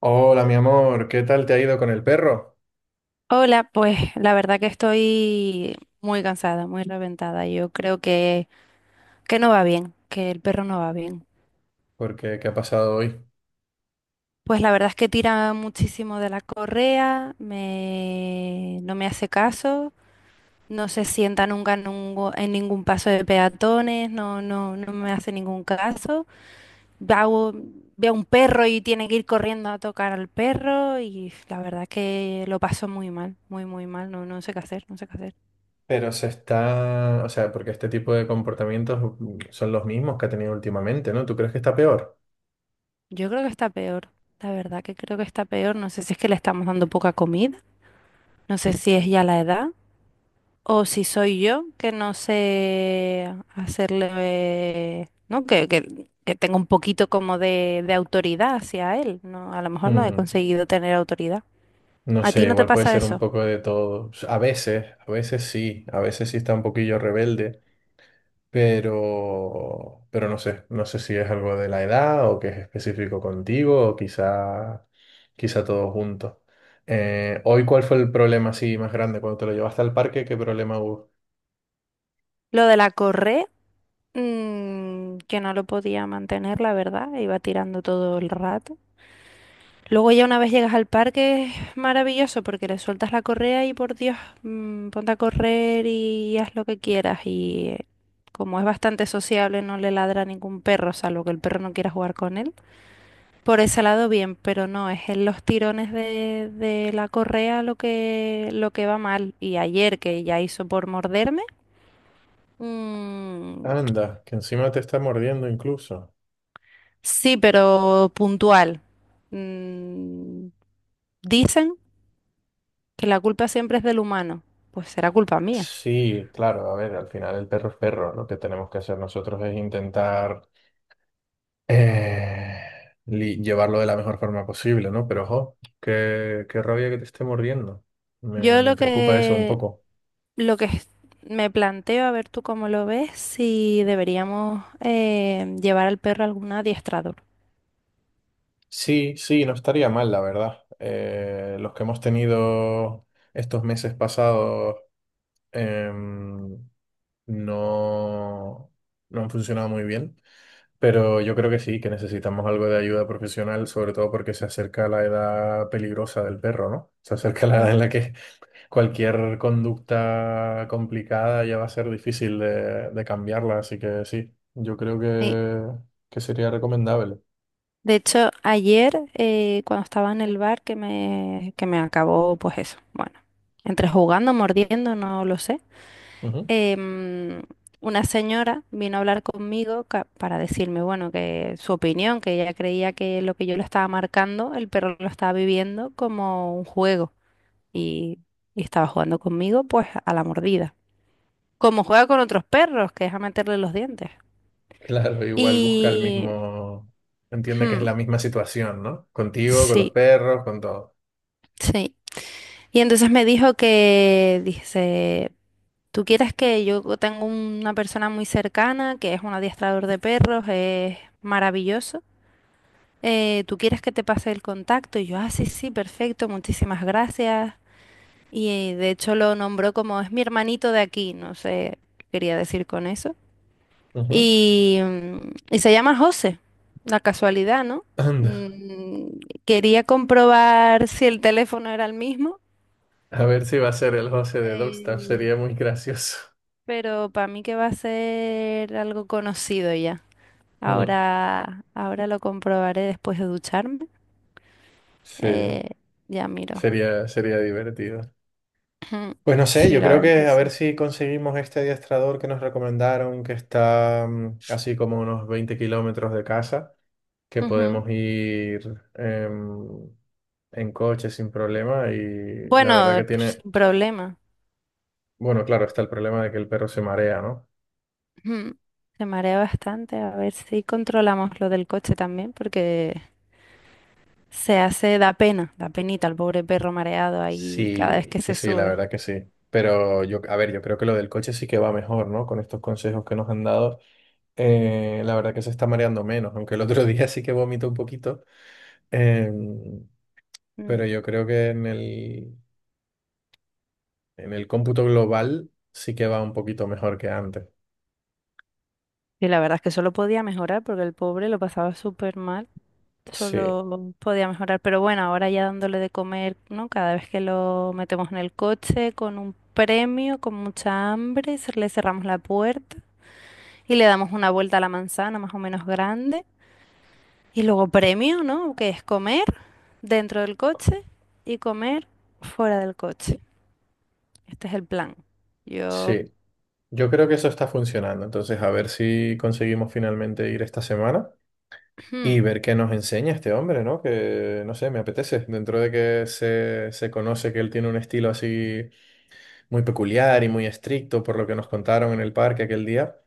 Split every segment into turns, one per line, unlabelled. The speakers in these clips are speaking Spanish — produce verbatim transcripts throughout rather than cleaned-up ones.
Hola, mi amor, ¿qué tal te ha ido con el perro?
Hola, pues la verdad que estoy muy cansada, muy reventada. Yo creo que, que no va bien, que el perro no va bien.
Porque, ¿qué ha pasado hoy?
Pues la verdad es que tira muchísimo de la correa, me, no me hace caso, no se sienta nunca en, un- en ningún paso de peatones, no, no, no me hace ningún caso. Veo, veo un perro y tiene que ir corriendo a tocar al perro y la verdad que lo paso muy mal, muy, muy mal, no, no sé qué hacer, no sé qué hacer.
Pero se está, o sea, porque este tipo de comportamientos mm, son los mismos que ha tenido últimamente, ¿no? ¿Tú crees que está peor?
Yo creo que está peor, la verdad que creo que está peor. No sé si es que le estamos dando poca comida, no sé si es ya la edad o si soy yo que no sé hacerle, ¿no? Que, que, que tengo un poquito como de, de autoridad hacia él, ¿no? A lo mejor no he
Mm,
conseguido tener autoridad.
no
¿A ti
sé,
no te
igual puede
pasa
ser un
eso?
poco de todo. A veces, a veces sí, a veces sí está un poquillo rebelde, pero, pero no sé, no sé si es algo de la edad o que es específico contigo o quizá, quizá todo junto. Eh, hoy, ¿cuál fue el problema así más grande cuando te lo llevaste al parque? ¿Qué problema hubo?
Lo de la correa, mm, que no lo podía mantener, la verdad, iba tirando todo el rato. Luego ya una vez llegas al parque es maravilloso porque le sueltas la correa y por Dios, mm, ponte a correr y haz lo que quieras. Y eh, como es bastante sociable, no le ladra a ningún perro, salvo que el perro no quiera jugar con él. Por ese lado bien, pero no, es en los tirones de, de la correa lo que, lo que va mal. Y ayer que ya hizo por morderme, mm,
Anda, que encima te está mordiendo incluso.
sí, pero puntual. Mm, dicen que la culpa siempre es del humano, pues será culpa mía.
Sí, claro, a ver, al final el perro es perro. Lo que tenemos que hacer nosotros es intentar eh, li- llevarlo de la mejor forma posible, ¿no? Pero ojo, qué, qué rabia que te esté mordiendo. Me,
Yo
me
lo
preocupa eso un
que,
poco.
lo que es- me planteo, a ver tú cómo lo ves, si deberíamos eh, llevar al perro a algún adiestrador.
Sí, sí, no estaría mal, la verdad. Eh, los que hemos tenido estos meses pasados em, no, no han funcionado muy bien. Pero yo creo que sí, que necesitamos algo de ayuda profesional, sobre todo porque se acerca la edad peligrosa del perro, ¿no? Se acerca la
Mm,
edad en la que cualquier conducta complicada ya va a ser difícil de, de cambiarla, así que sí, yo creo
sí.
que, que sería recomendable.
De hecho, ayer eh, cuando estaba en el bar que me, que me acabó, pues eso, bueno, entre jugando, mordiendo, no lo sé.
Ujú.
em, una señora vino a hablar conmigo ca- para decirme, bueno, que su opinión, que ella creía que lo que yo le estaba marcando, el perro lo estaba viviendo como un juego y, y estaba jugando conmigo pues a la mordida, como juega con otros perros, que es a meterle los dientes.
Claro, igual busca el
Y
mismo, entiende que es la misma situación, ¿no? Contigo, con los
sí,
perros, con todo.
sí. Y entonces me dijo que, dice, tú quieres que yo tengo una persona muy cercana, que es un adiestrador de perros, es maravilloso, eh, ¿tú quieres que te pase el contacto? Y yo, ah, sí, sí, perfecto, muchísimas gracias. Y eh, de hecho lo nombró como es mi hermanito de aquí, no sé qué quería decir con eso.
Ujú.
Y, mm, y se llama José, la casualidad, ¿no?
Anda,
Mm, quería comprobar si el teléfono era el mismo,
a ver si va a ser el José de Dogstaff,
eh,
sería muy gracioso.
pero para mí que va a ser algo conocido ya.
Mm.
Ahora, ahora lo comprobaré después de ducharme.
Sí.
eh, ya miro.
Sería, sería divertido.
Ujú.
Pues no sé,
Sí,
yo
la
creo
verdad
que
que
a ver
sí.
si conseguimos este adiestrador que nos recomendaron, que está mm, así como unos veinte kilómetros de casa, que
Ujú.
podemos ir em, en coche sin problema y la
Bueno,
verdad que
pues,
tiene,
sin problema.
bueno, claro, está el problema de que el perro se marea, ¿no?
Ujú. Se marea bastante. A ver si controlamos lo del coche también, porque se hace, da pena, da penita al pobre perro mareado ahí cada
Sí,
vez que
sí,
se
sí, la
sube.
verdad que sí. Pero yo, a ver, yo creo que lo del coche sí que va mejor, ¿no? Con estos consejos que nos han dado, eh, la verdad que se está mareando menos, aunque el otro día sí que vomitó un poquito. Em,
Mm.
pero yo creo que en el, en el cómputo global sí que va un poquito mejor que antes.
Y la verdad es que solo podía mejorar, porque el pobre lo pasaba súper mal.
Sí,
Solo podía mejorar. Pero bueno, ahora ya dándole de comer, ¿no? Cada vez que lo metemos en el coche con un premio, con mucha hambre, se- le cerramos la puerta y le damos una vuelta a la manzana más o menos grande. Y luego premio, ¿no? Que es comer dentro del coche y comer fuera del coche. Este es el plan. Yo...
sí. Yo creo que eso está funcionando. Entonces, a ver si conseguimos finalmente ir esta semana y ver qué nos enseña este hombre, ¿no? Que, no sé, me apetece. Dentro de que se, se conoce que él tiene un estilo así muy peculiar y muy estricto por lo que nos contaron en el parque aquel día.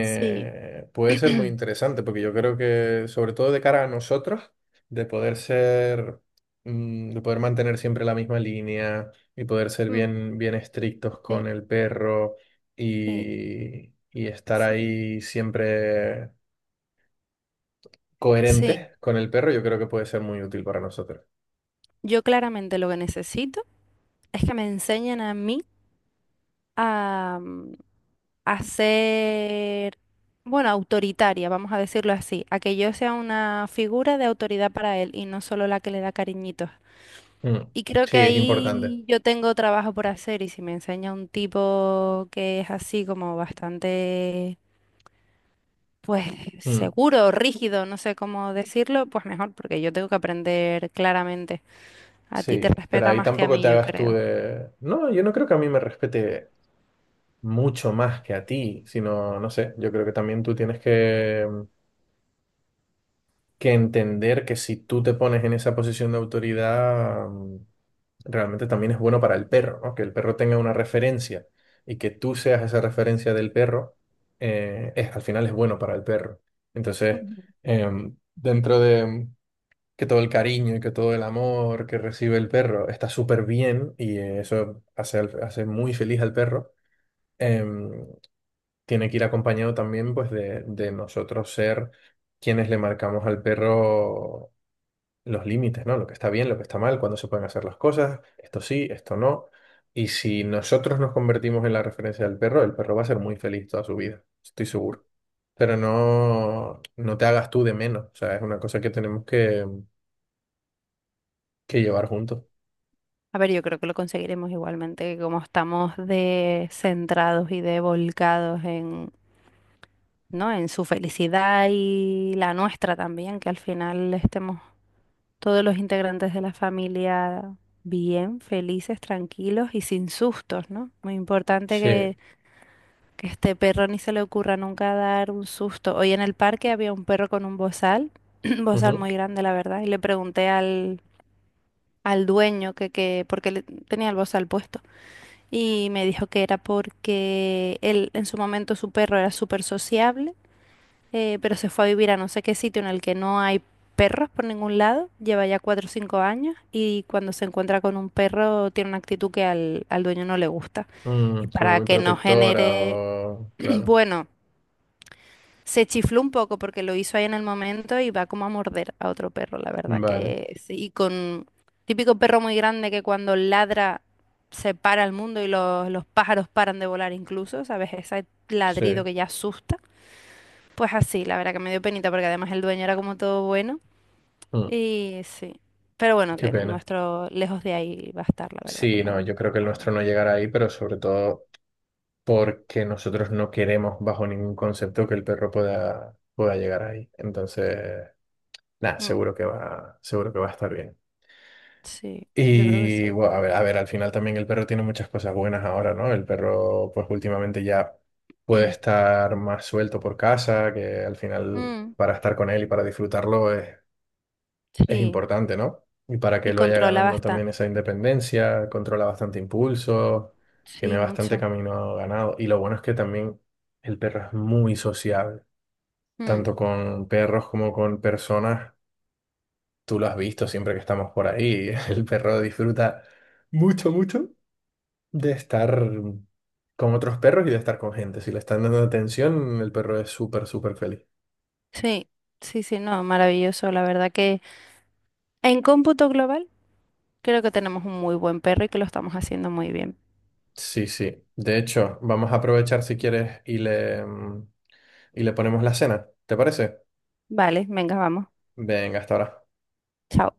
Sí.
puede ser muy interesante, porque yo creo que, sobre todo de cara a nosotros, de poder ser, mm, de poder mantener siempre la misma línea y poder ser
Mm,
bien, bien estrictos con
sí,
el perro
sí,
y, y estar
sí.
ahí siempre
Sí,
coherentes con el perro, yo creo que puede ser muy útil para nosotros.
yo claramente lo que necesito es que me enseñen a mí a, mm, a ser, bueno, autoritaria, vamos a decirlo así, a que yo sea una figura de autoridad para él y no solo la que le da cariñitos.
Mm.
Y creo
Sí,
que
es importante.
ahí yo tengo trabajo por hacer y si me enseña un tipo que es así como bastante, pues
Mm.
seguro, rígido, no sé cómo decirlo, pues mejor, porque yo tengo que aprender claramente. A ti te
Sí, pero
respeta
ahí
más que a
tampoco
mí,
te
yo
hagas tú
creo.
de... No, yo no creo que a mí me respete mucho más que a ti, sino, no sé, yo creo que también tú tienes que, mm, que entender que si tú te pones en esa posición de autoridad, mm, realmente también es bueno para el perro, ¿no? Que el perro tenga una referencia y que tú seas esa referencia del perro, eh, es, al final es bueno para el perro. Entonces,
Ujú.
em, dentro de mm, que todo el cariño y que todo el amor que recibe el perro está súper bien y eh, eso hace, al- hace muy feliz al perro em, tiene que ir acompañado también pues de, de nosotros ser quienes le marcamos al perro los límites, ¿no? Lo que está bien, lo que está mal, cuándo se pueden hacer las cosas, esto sí, esto no. Y si nosotros nos convertimos en la referencia del perro, el perro va a ser muy feliz toda su vida, estoy seguro. Pero no, no te hagas tú de menos, o sea, es una cosa que tenemos que, que llevar juntos.
A ver, yo creo que lo conseguiremos igualmente, que como estamos de centrados y de volcados en, ¿no? En su felicidad y la nuestra también, que al final estemos todos los integrantes de la familia bien, felices, tranquilos y sin sustos, ¿no? Muy importante
Sí,
que, que este perro ni se le ocurra nunca dar un susto. Hoy en el parque había un perro con un bozal, un bozal
ujú.
muy grande, la verdad, y le pregunté al, al dueño que, que, porque le, tenía el bozal puesto. Y me dijo que era porque él en su momento su perro era súper sociable, eh, pero se fue a vivir a no sé qué sitio en el que no hay perros por ningún lado, lleva ya cuatro o cinco años y cuando se encuentra con un perro tiene una actitud que al, al dueño no le gusta. Y
Mm, como
para
muy
que no
protectora
genere,
o... Claro,
bueno, se chifló un poco porque lo hizo ahí en el momento y va como a morder a otro perro, la verdad
vale,
que sí. Y con típico perro muy grande que cuando ladra se para el mundo y los, los pájaros paran de volar incluso, ¿sabes? Ese ladrido
sí,
que ya asusta. Pues así, la verdad que me dio penita porque además el dueño era como todo bueno
Mm,
y sí. Pero bueno,
qué
que el
pena.
nuestro lejos de ahí va a estar, la verdad que
Sí, no,
no,
yo creo que el
para
nuestro
nada.
no llegará ahí, pero sobre todo porque nosotros no queremos bajo ningún concepto que el perro pueda, pueda llegar ahí. Entonces, nada,
Mm,
seguro que va, seguro que va a estar bien.
sí, yo creo que
Y
sí.
bueno, a ver, a ver, al final también el perro tiene muchas cosas buenas ahora, ¿no? El perro, pues últimamente ya puede estar más suelto por casa, que al final
Mm,
para estar con él y para disfrutarlo es
sí,
importante, ¿no? Y para que
y
lo vaya
controla
ganando
bastante.
también esa independencia, controla bastante impulso, tiene
Sí,
bastante
mucho.
camino ganado. Y lo bueno es que también el perro es muy sociable,
Mm,
tanto con perros como con personas. Tú lo has visto siempre que estamos por ahí. El perro disfruta mucho, mucho de estar con otros perros y de estar con gente. Si le están dando atención, el perro es súper, súper feliz.
sí, sí, sí, no, maravilloso. La verdad que en cómputo global creo que tenemos un muy buen perro y que lo estamos haciendo muy bien.
Sí, sí. De hecho, vamos a aprovechar si quieres y le, mm, y le ponemos la cena. ¿Te parece?
Vale, venga, vamos.
Venga, hasta ahora.
Chao.